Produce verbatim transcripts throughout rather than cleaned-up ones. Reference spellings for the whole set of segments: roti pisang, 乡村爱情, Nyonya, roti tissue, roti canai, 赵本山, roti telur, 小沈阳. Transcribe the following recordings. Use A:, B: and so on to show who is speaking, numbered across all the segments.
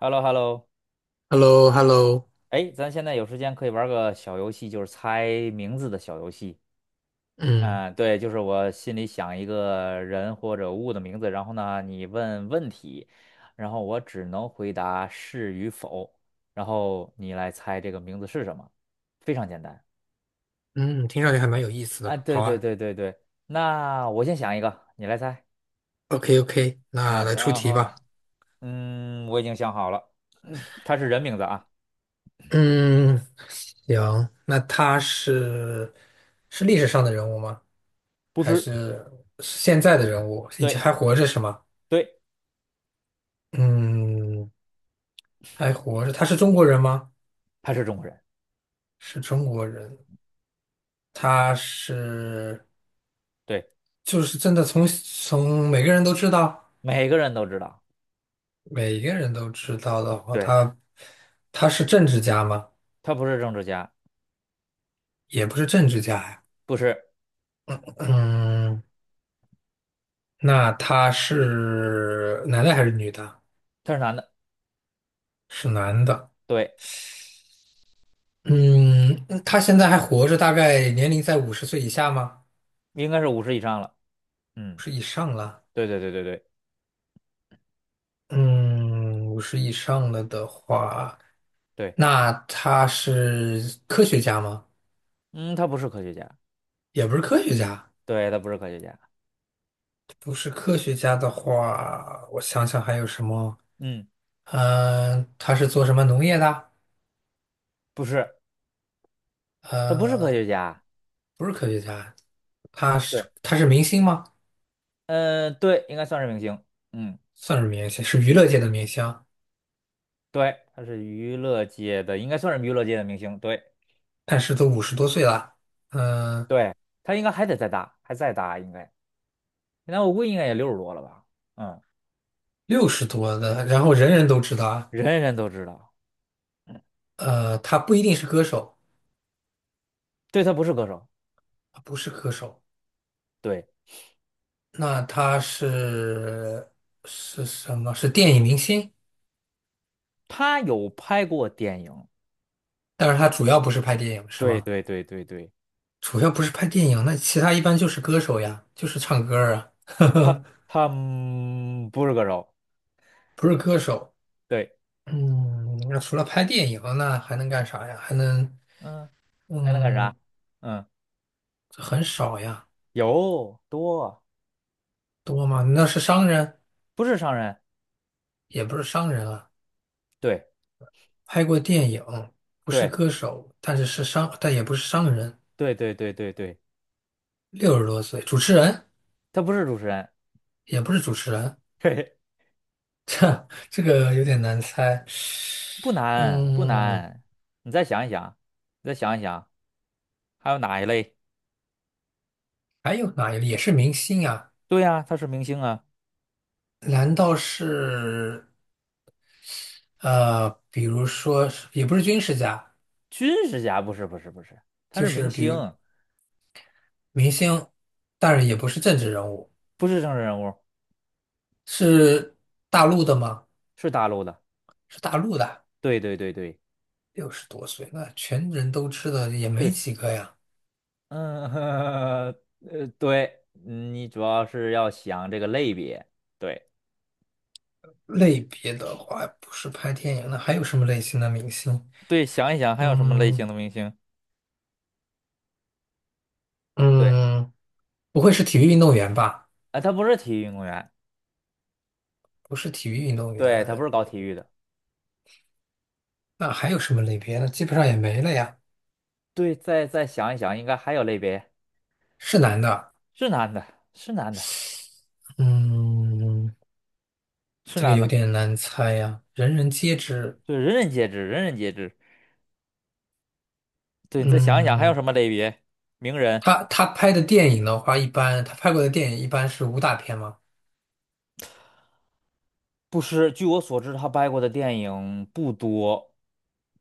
A: h e l l o h e l l o
B: h e l l o h e l l o
A: 哎，咱现在有时间可以玩个小游戏，就是猜名字的小游戏。
B: 嗯
A: 嗯，对，就是我心里想一个人或者物的名字，然后呢，你问问题，然后我只能回答是与否，然后你来猜这个名字是什么，非常简单。
B: 嗯，听上去还蛮有意思的。
A: 啊，对
B: 好
A: 对
B: 啊
A: 对对对，那我先想一个，你来猜，
B: ，OK OK，
A: 行
B: 那
A: 吗？
B: 来出
A: 然
B: 题
A: 后，
B: 吧。
A: 嗯，我已经想好了，他是人名字啊。
B: 嗯，行，那他是是历史上的人物吗？
A: 不
B: 还
A: 是，
B: 是是现在的人物？以前
A: 对
B: 还活着是吗？
A: 对，
B: 嗯，还活着。他是中国人吗？
A: 他是中国人，
B: 是中国人。他是
A: 对，
B: 就是真的从从每个人都知道，
A: 每个人都知道。
B: 每个人都知道的话，
A: 对，
B: 他他是政治家吗？
A: 他不是政治家，
B: 也不是政治家呀。
A: 不是，
B: 嗯，那他是男的还是女的？
A: 他是男的，
B: 是男的。
A: 对，
B: 嗯，嗯他现在还活着，大概年龄在五十岁以下吗？
A: 应该是五十以上了。
B: 五
A: 嗯，
B: 十以上了。
A: 对对对对对
B: 嗯，五十以上了的话，
A: 对，
B: 那他是科学家吗？
A: 嗯，他不是科学家，
B: 也不是科学家，
A: 对，他不是科学家，
B: 不是科学家的话，我想想还有什么？
A: 嗯，
B: 嗯、他是做什么农业的？
A: 不是，他不是科
B: 呃，
A: 学家，
B: 不是科学家，他
A: 对，
B: 是他是明星吗？
A: 呃，对，应该算是明星，嗯，
B: 算是明星，是娱乐界的明星，
A: 对，他是娱乐界的，应该算是娱乐界的明星，对
B: 但是都五十多岁了，嗯、
A: 对，他应该还得再大，还再大应该，那我估计应该也六十多了吧，嗯，
B: 六十多的，然后人人都知道啊。
A: 人人都知道。嗯，
B: 呃，他不一定是歌手，
A: 对，他不是歌手，
B: 他不是歌手，
A: 对，
B: 那他是是什么？是电影明星，
A: 他有拍过电影，
B: 但是他主要不是拍电影，是
A: 对
B: 吗？
A: 对对对对。
B: 主要不是拍电影，那其他一般就是歌手呀，就是唱歌儿啊，呵
A: 他
B: 呵，
A: 汉不是歌手，
B: 不是歌手。
A: 对，
B: 嗯，那除了拍电影，那还能干啥呀？还能，
A: 嗯，还能干啥？
B: 嗯，
A: 嗯，
B: 很少呀，
A: 有多
B: 多吗？那是商人。
A: 不是商人，
B: 也不是商人啊，
A: 对
B: 拍过电影，不是
A: 对
B: 歌手，但是是商，但也不是商人，
A: 对对对对对，
B: 六十多岁，主持人
A: 他不是主持人，
B: 也不是主持人，
A: 嘿嘿，
B: 这个有点难猜。
A: 不难不
B: 嗯，
A: 难，你再想一想，你再想一想，还有哪一类？
B: 还有哪一类也是明星啊？
A: 对呀、他是明星啊，
B: 难道是呃，比如说是也不是军事家，
A: 军事家不是不是不是，他
B: 就
A: 是明
B: 是比
A: 星，
B: 如明星，但是也不是政治人物，
A: 不是政治人物，
B: 是大陆的吗？
A: 是大陆的，
B: 是大陆的，
A: 对对对对
B: 六十多岁，那全人都知道也没
A: 对，
B: 几个呀。
A: 嗯，呃，对，你主要是要想这个类别，对
B: 类别的话，不是拍电影，的，还有什么类型的明星？
A: 对，想一想还有什么类型
B: 嗯
A: 的明星？对，
B: 嗯，不会是体育运动员吧？
A: 啊，他不是体育运动员，
B: 不是体育运动
A: 对，他不
B: 员，
A: 是搞体育的，
B: 那还有什么类别呢？基本上也没了呀。
A: 对，再再想一想，应该还有类别，
B: 是男的，
A: 是男的，是男的，
B: 嗯，
A: 是
B: 这个
A: 男
B: 有
A: 的，
B: 点难猜呀，人人皆知。
A: 对，人人皆知，人人皆知。对，你再想一想还有
B: 嗯，
A: 什么类别？名人。
B: 他他拍的电影的话，一般他拍过的电影一般是武打片吗？
A: 不是，据我所知，他拍过的电影不多，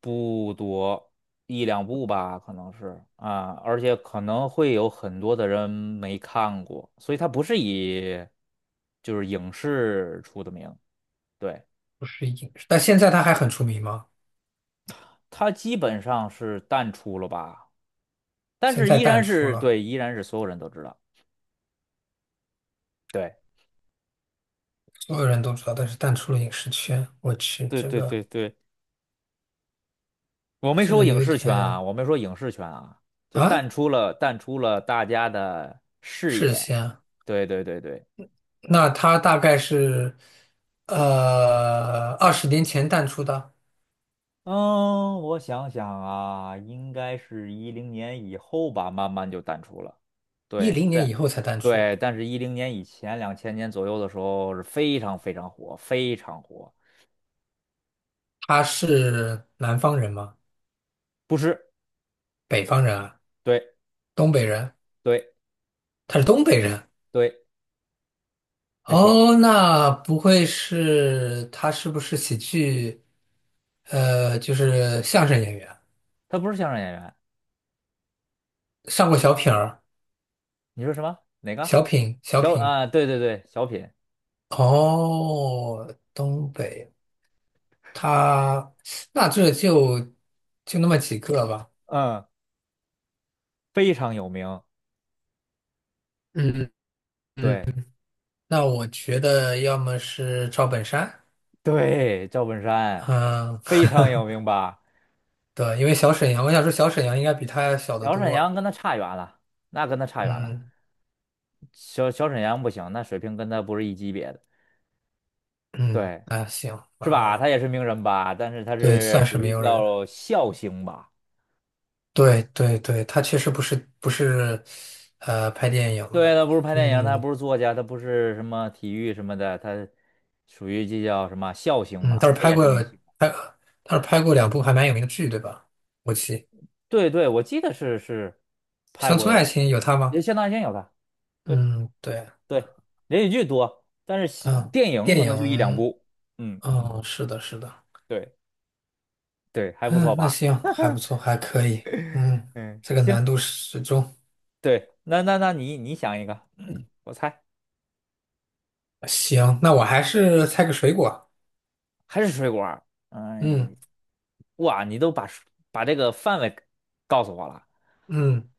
A: 不多，一两部吧，可能是啊，而且可能会有很多的人没看过，所以他不是以就是影视出的名，对，
B: 不是影视，但现在他还很出名吗？
A: 他基本上是淡出了吧，但
B: 现
A: 是
B: 在
A: 依
B: 淡
A: 然
B: 出
A: 是
B: 了，
A: 对，依然是所有人都知道，对，
B: 所有人都知道，但是淡出了影视圈。我去，
A: 对
B: 这
A: 对
B: 个。
A: 对对，我没
B: 这
A: 说
B: 个
A: 影
B: 有
A: 视圈啊，
B: 点
A: 我没说影视圈啊，就
B: 啊，
A: 淡出了，淡出了大家的视
B: 是
A: 野。
B: 先，
A: 对对对对，
B: 那他大概是呃二十年前淡出的，
A: 嗯，我想想啊，应该是一零年以后吧，慢慢就淡出了。
B: 一
A: 对，
B: 零年以
A: 但
B: 后才淡出。
A: 对，但是一零年以前，两千年左右的时候是非常非常火，非常火。
B: 他是南方人吗？
A: 不是，
B: 北方人啊？
A: 对
B: 东北人？
A: 对
B: 他是东北人。
A: 对，没错儿，
B: 哦，那不会是他是不是喜剧？呃，就是相声演员，
A: 他不是相声演员。
B: 上过小品儿、
A: 你说什么？哪个？
B: 小品、小
A: 小
B: 品。
A: 啊，对对对，小品，
B: 哦，东北。他那这就就那么几个吧。
A: 嗯，非常有名。
B: 嗯嗯，
A: 对
B: 那我觉得要么是赵本山，
A: 对，赵本山
B: 嗯，
A: 非常有名 吧？
B: 对，因为小沈阳，我想说小沈阳应该比他小得
A: 小沈阳
B: 多。
A: 跟他差远了，那跟他差远了。
B: 嗯
A: 小小沈阳不行，那水平跟他不是一级别的，
B: 嗯，
A: 对，
B: 啊行
A: 是吧？
B: 啊，
A: 他也是名人吧，但是他
B: 对，算
A: 是
B: 是
A: 属
B: 没
A: 于
B: 有人。
A: 叫笑星吧？
B: 对对对，他确实不是不是，呃，拍电影
A: 对，
B: 的。
A: 他不是拍电影，他
B: 嗯
A: 不是作家，他不是什么体育什么的，他属于这叫什么笑星
B: 嗯，
A: 吧？
B: 倒是
A: 他
B: 拍
A: 也是
B: 过
A: 明星。
B: 拍，倒是拍过两部还蛮有名的剧，对吧？我记
A: 对对，我记得是是拍
B: 《乡村
A: 过，
B: 爱情》有他
A: 也
B: 吗？
A: 相当于先有他。对
B: 嗯，对。
A: 对，连续剧多，但是戏
B: 嗯，
A: 电影
B: 电
A: 可能就一两
B: 影，
A: 部。嗯，
B: 嗯，是的，是的，
A: 对对，还不错
B: 嗯，那
A: 吧？
B: 行，还不错，还可以，嗯，
A: 嗯，
B: 这个
A: 行，
B: 难度适中，
A: 对，那那那你你想一个，我猜。
B: 行，那我还是猜个水果，
A: 还是水果儿？
B: 嗯
A: 哎，哇，你都把把这个范围告诉我了。
B: 嗯，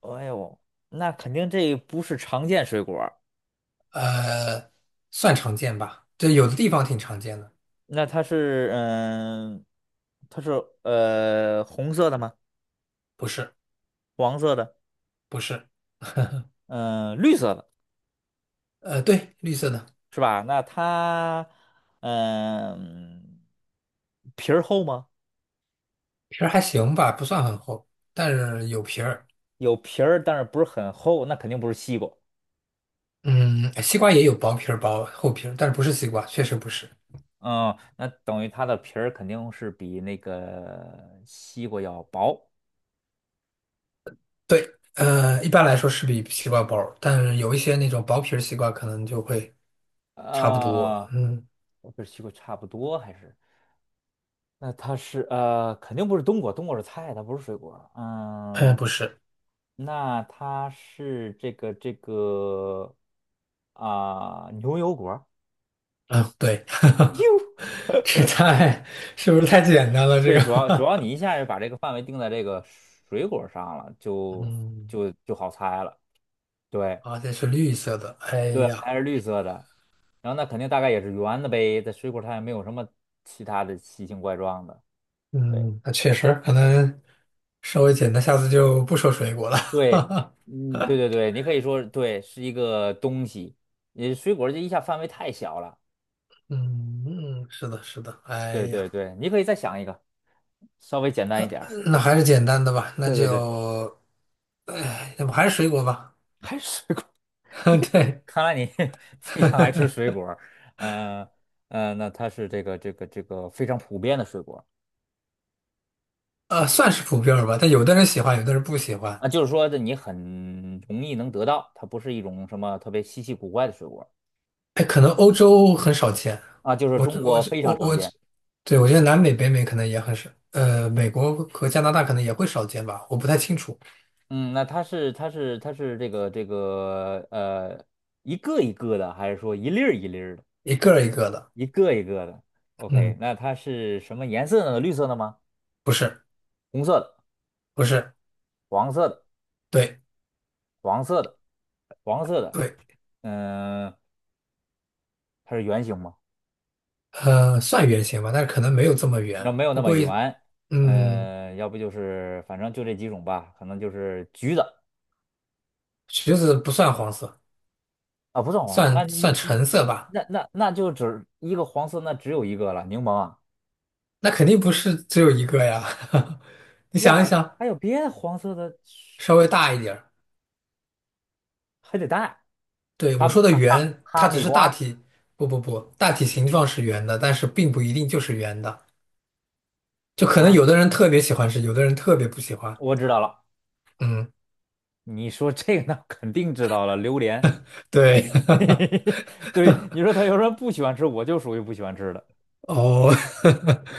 A: 哎呦，那肯定这不是常见水果儿，
B: 呃，算常见吧，这有的地方挺常见的，
A: 那它是嗯，它是呃红色的吗？
B: 不是
A: 黄色的，
B: 不是，
A: 嗯，绿色的
B: 呃，对，绿色的
A: 是吧？那它嗯皮儿厚吗？
B: 皮儿还行吧，不算很厚，但是有皮儿，
A: 有皮儿，但是不是很厚，那肯定不是西瓜。
B: 嗯，西瓜也有薄皮儿薄厚皮儿，但是不是西瓜，确实不是，
A: 嗯，那等于它的皮儿肯定是比那个西瓜要薄。
B: 对，呃，一般来说是比西瓜薄儿但是有一些那种薄皮儿西瓜可能就会差不多。
A: 啊，
B: 嗯，
A: 我不是西瓜差不多，还是那它是呃，肯定不是冬瓜，冬瓜是菜，它不是水果。
B: 呃，
A: 嗯，
B: 不是，
A: 那它是这个这个啊、牛油果。
B: 嗯，对，
A: 哟，
B: 这太，是不是太简单了？这
A: 对，
B: 个，
A: 主要主要你一下就把这个范围定在这个水果上了，就
B: 嗯，
A: 就就好猜了。对
B: 而且是绿色的。哎
A: 对，
B: 呀，
A: 还是绿色的，然后那肯定大概也是圆的呗，在水果它也没有什么其他的奇形怪状的。
B: 嗯，那确实可能稍微简单，下次就不说水果了。
A: 对，嗯，对对对，你可以说对，是一个东西。你水果儿这一下范围太小了。
B: 嗯嗯，是的，是的。哎
A: 对
B: 呀，
A: 对对，你可以再想一个，稍微简单一点儿。
B: 那还是简单的吧，那
A: 对对对，
B: 就，哎，要不还是水果吧？
A: 还是水果儿。
B: 对。
A: 看来你 非常爱吃水 果儿。呃呃，那它是这个这个这个非常普遍的水果儿
B: 呃，算是普遍儿吧，但有的人喜欢，有的人不喜欢。
A: 啊，就是说这你很容易能得到，它不是一种什么特别稀奇古怪的水果儿
B: 哎，可能欧洲很少见，
A: 啊，就是
B: 我
A: 中
B: 我
A: 国非常
B: 我
A: 常
B: 我，
A: 见。
B: 对，我觉得南美、北美可能也很少，呃，美国和加拿大可能也会少见吧，我不太清楚，
A: 嗯，那它是它是它是这个这个呃一个一个的，还是说一粒儿一粒儿的，
B: 一个儿一个的。
A: 一个一个的？OK，
B: 嗯，
A: 那它是什么颜色呢？绿色的吗？
B: 不是，
A: 红色的、
B: 不是，
A: 黄色的、
B: 对
A: 黄色的、黄色的。
B: 对，
A: 嗯、它是圆形吗？
B: 呃，算圆形吧，但是可能没有这么
A: 那
B: 圆。
A: 没有
B: 不
A: 那么
B: 过也，
A: 圆。
B: 嗯，
A: 呃，要不就是反正就这几种吧，可能就是橘子
B: 橘子不算黄色，
A: 啊，不算黄啊。那
B: 算算
A: 你你
B: 橙色吧。
A: 那那那就只一个黄色，那只有一个了，柠檬啊。
B: 那肯定不是只有一个呀，你想
A: 哇，
B: 一想，
A: 还有别的黄色的？
B: 稍微大一点儿。
A: 还得带
B: 对，我
A: 哈密
B: 说的
A: 哈哈
B: 圆，它
A: 哈
B: 只
A: 密
B: 是大
A: 瓜
B: 体，不不不，大体形状是圆的，但是并不一定就是圆的，就可能
A: 啊！
B: 有的人特别喜欢吃，有的人特别不喜欢。
A: 我知道了，
B: 嗯，
A: 你说这个那肯定知道了，榴莲。
B: 对，
A: 对，你说他有人不喜欢吃，我就属于不喜欢吃的，
B: 哦，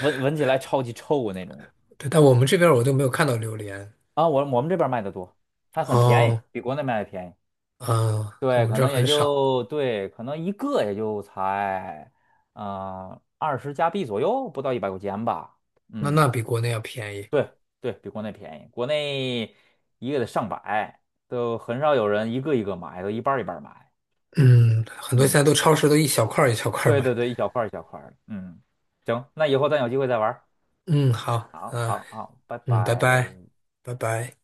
A: 闻闻起来超级臭的那种
B: 对，但我们这边儿我都没有看到榴莲。
A: 啊。我我们这边卖的多，还很便宜，
B: 哦，
A: 比国内卖的便宜。
B: 嗯，我
A: 对，
B: 们
A: 可
B: 这儿
A: 能也
B: 很少，
A: 就对，可能一个也就才嗯二十加币左右，不到一百块钱吧。
B: 那
A: 嗯。
B: 那比国内要便宜。
A: 对对，比国内便宜，国内一个得上百，都很少有人一个一个买，都一半儿一半儿买。
B: 嗯，很多现
A: 嗯，
B: 在都超市都一小块儿一小块儿
A: 对对
B: 买。
A: 对，一小块儿一小块儿的。嗯，行，那以后咱有机会再玩儿。
B: 嗯，好，
A: 好，
B: 嗯、
A: 好，好，拜
B: 嗯，拜
A: 拜。
B: 拜，拜拜。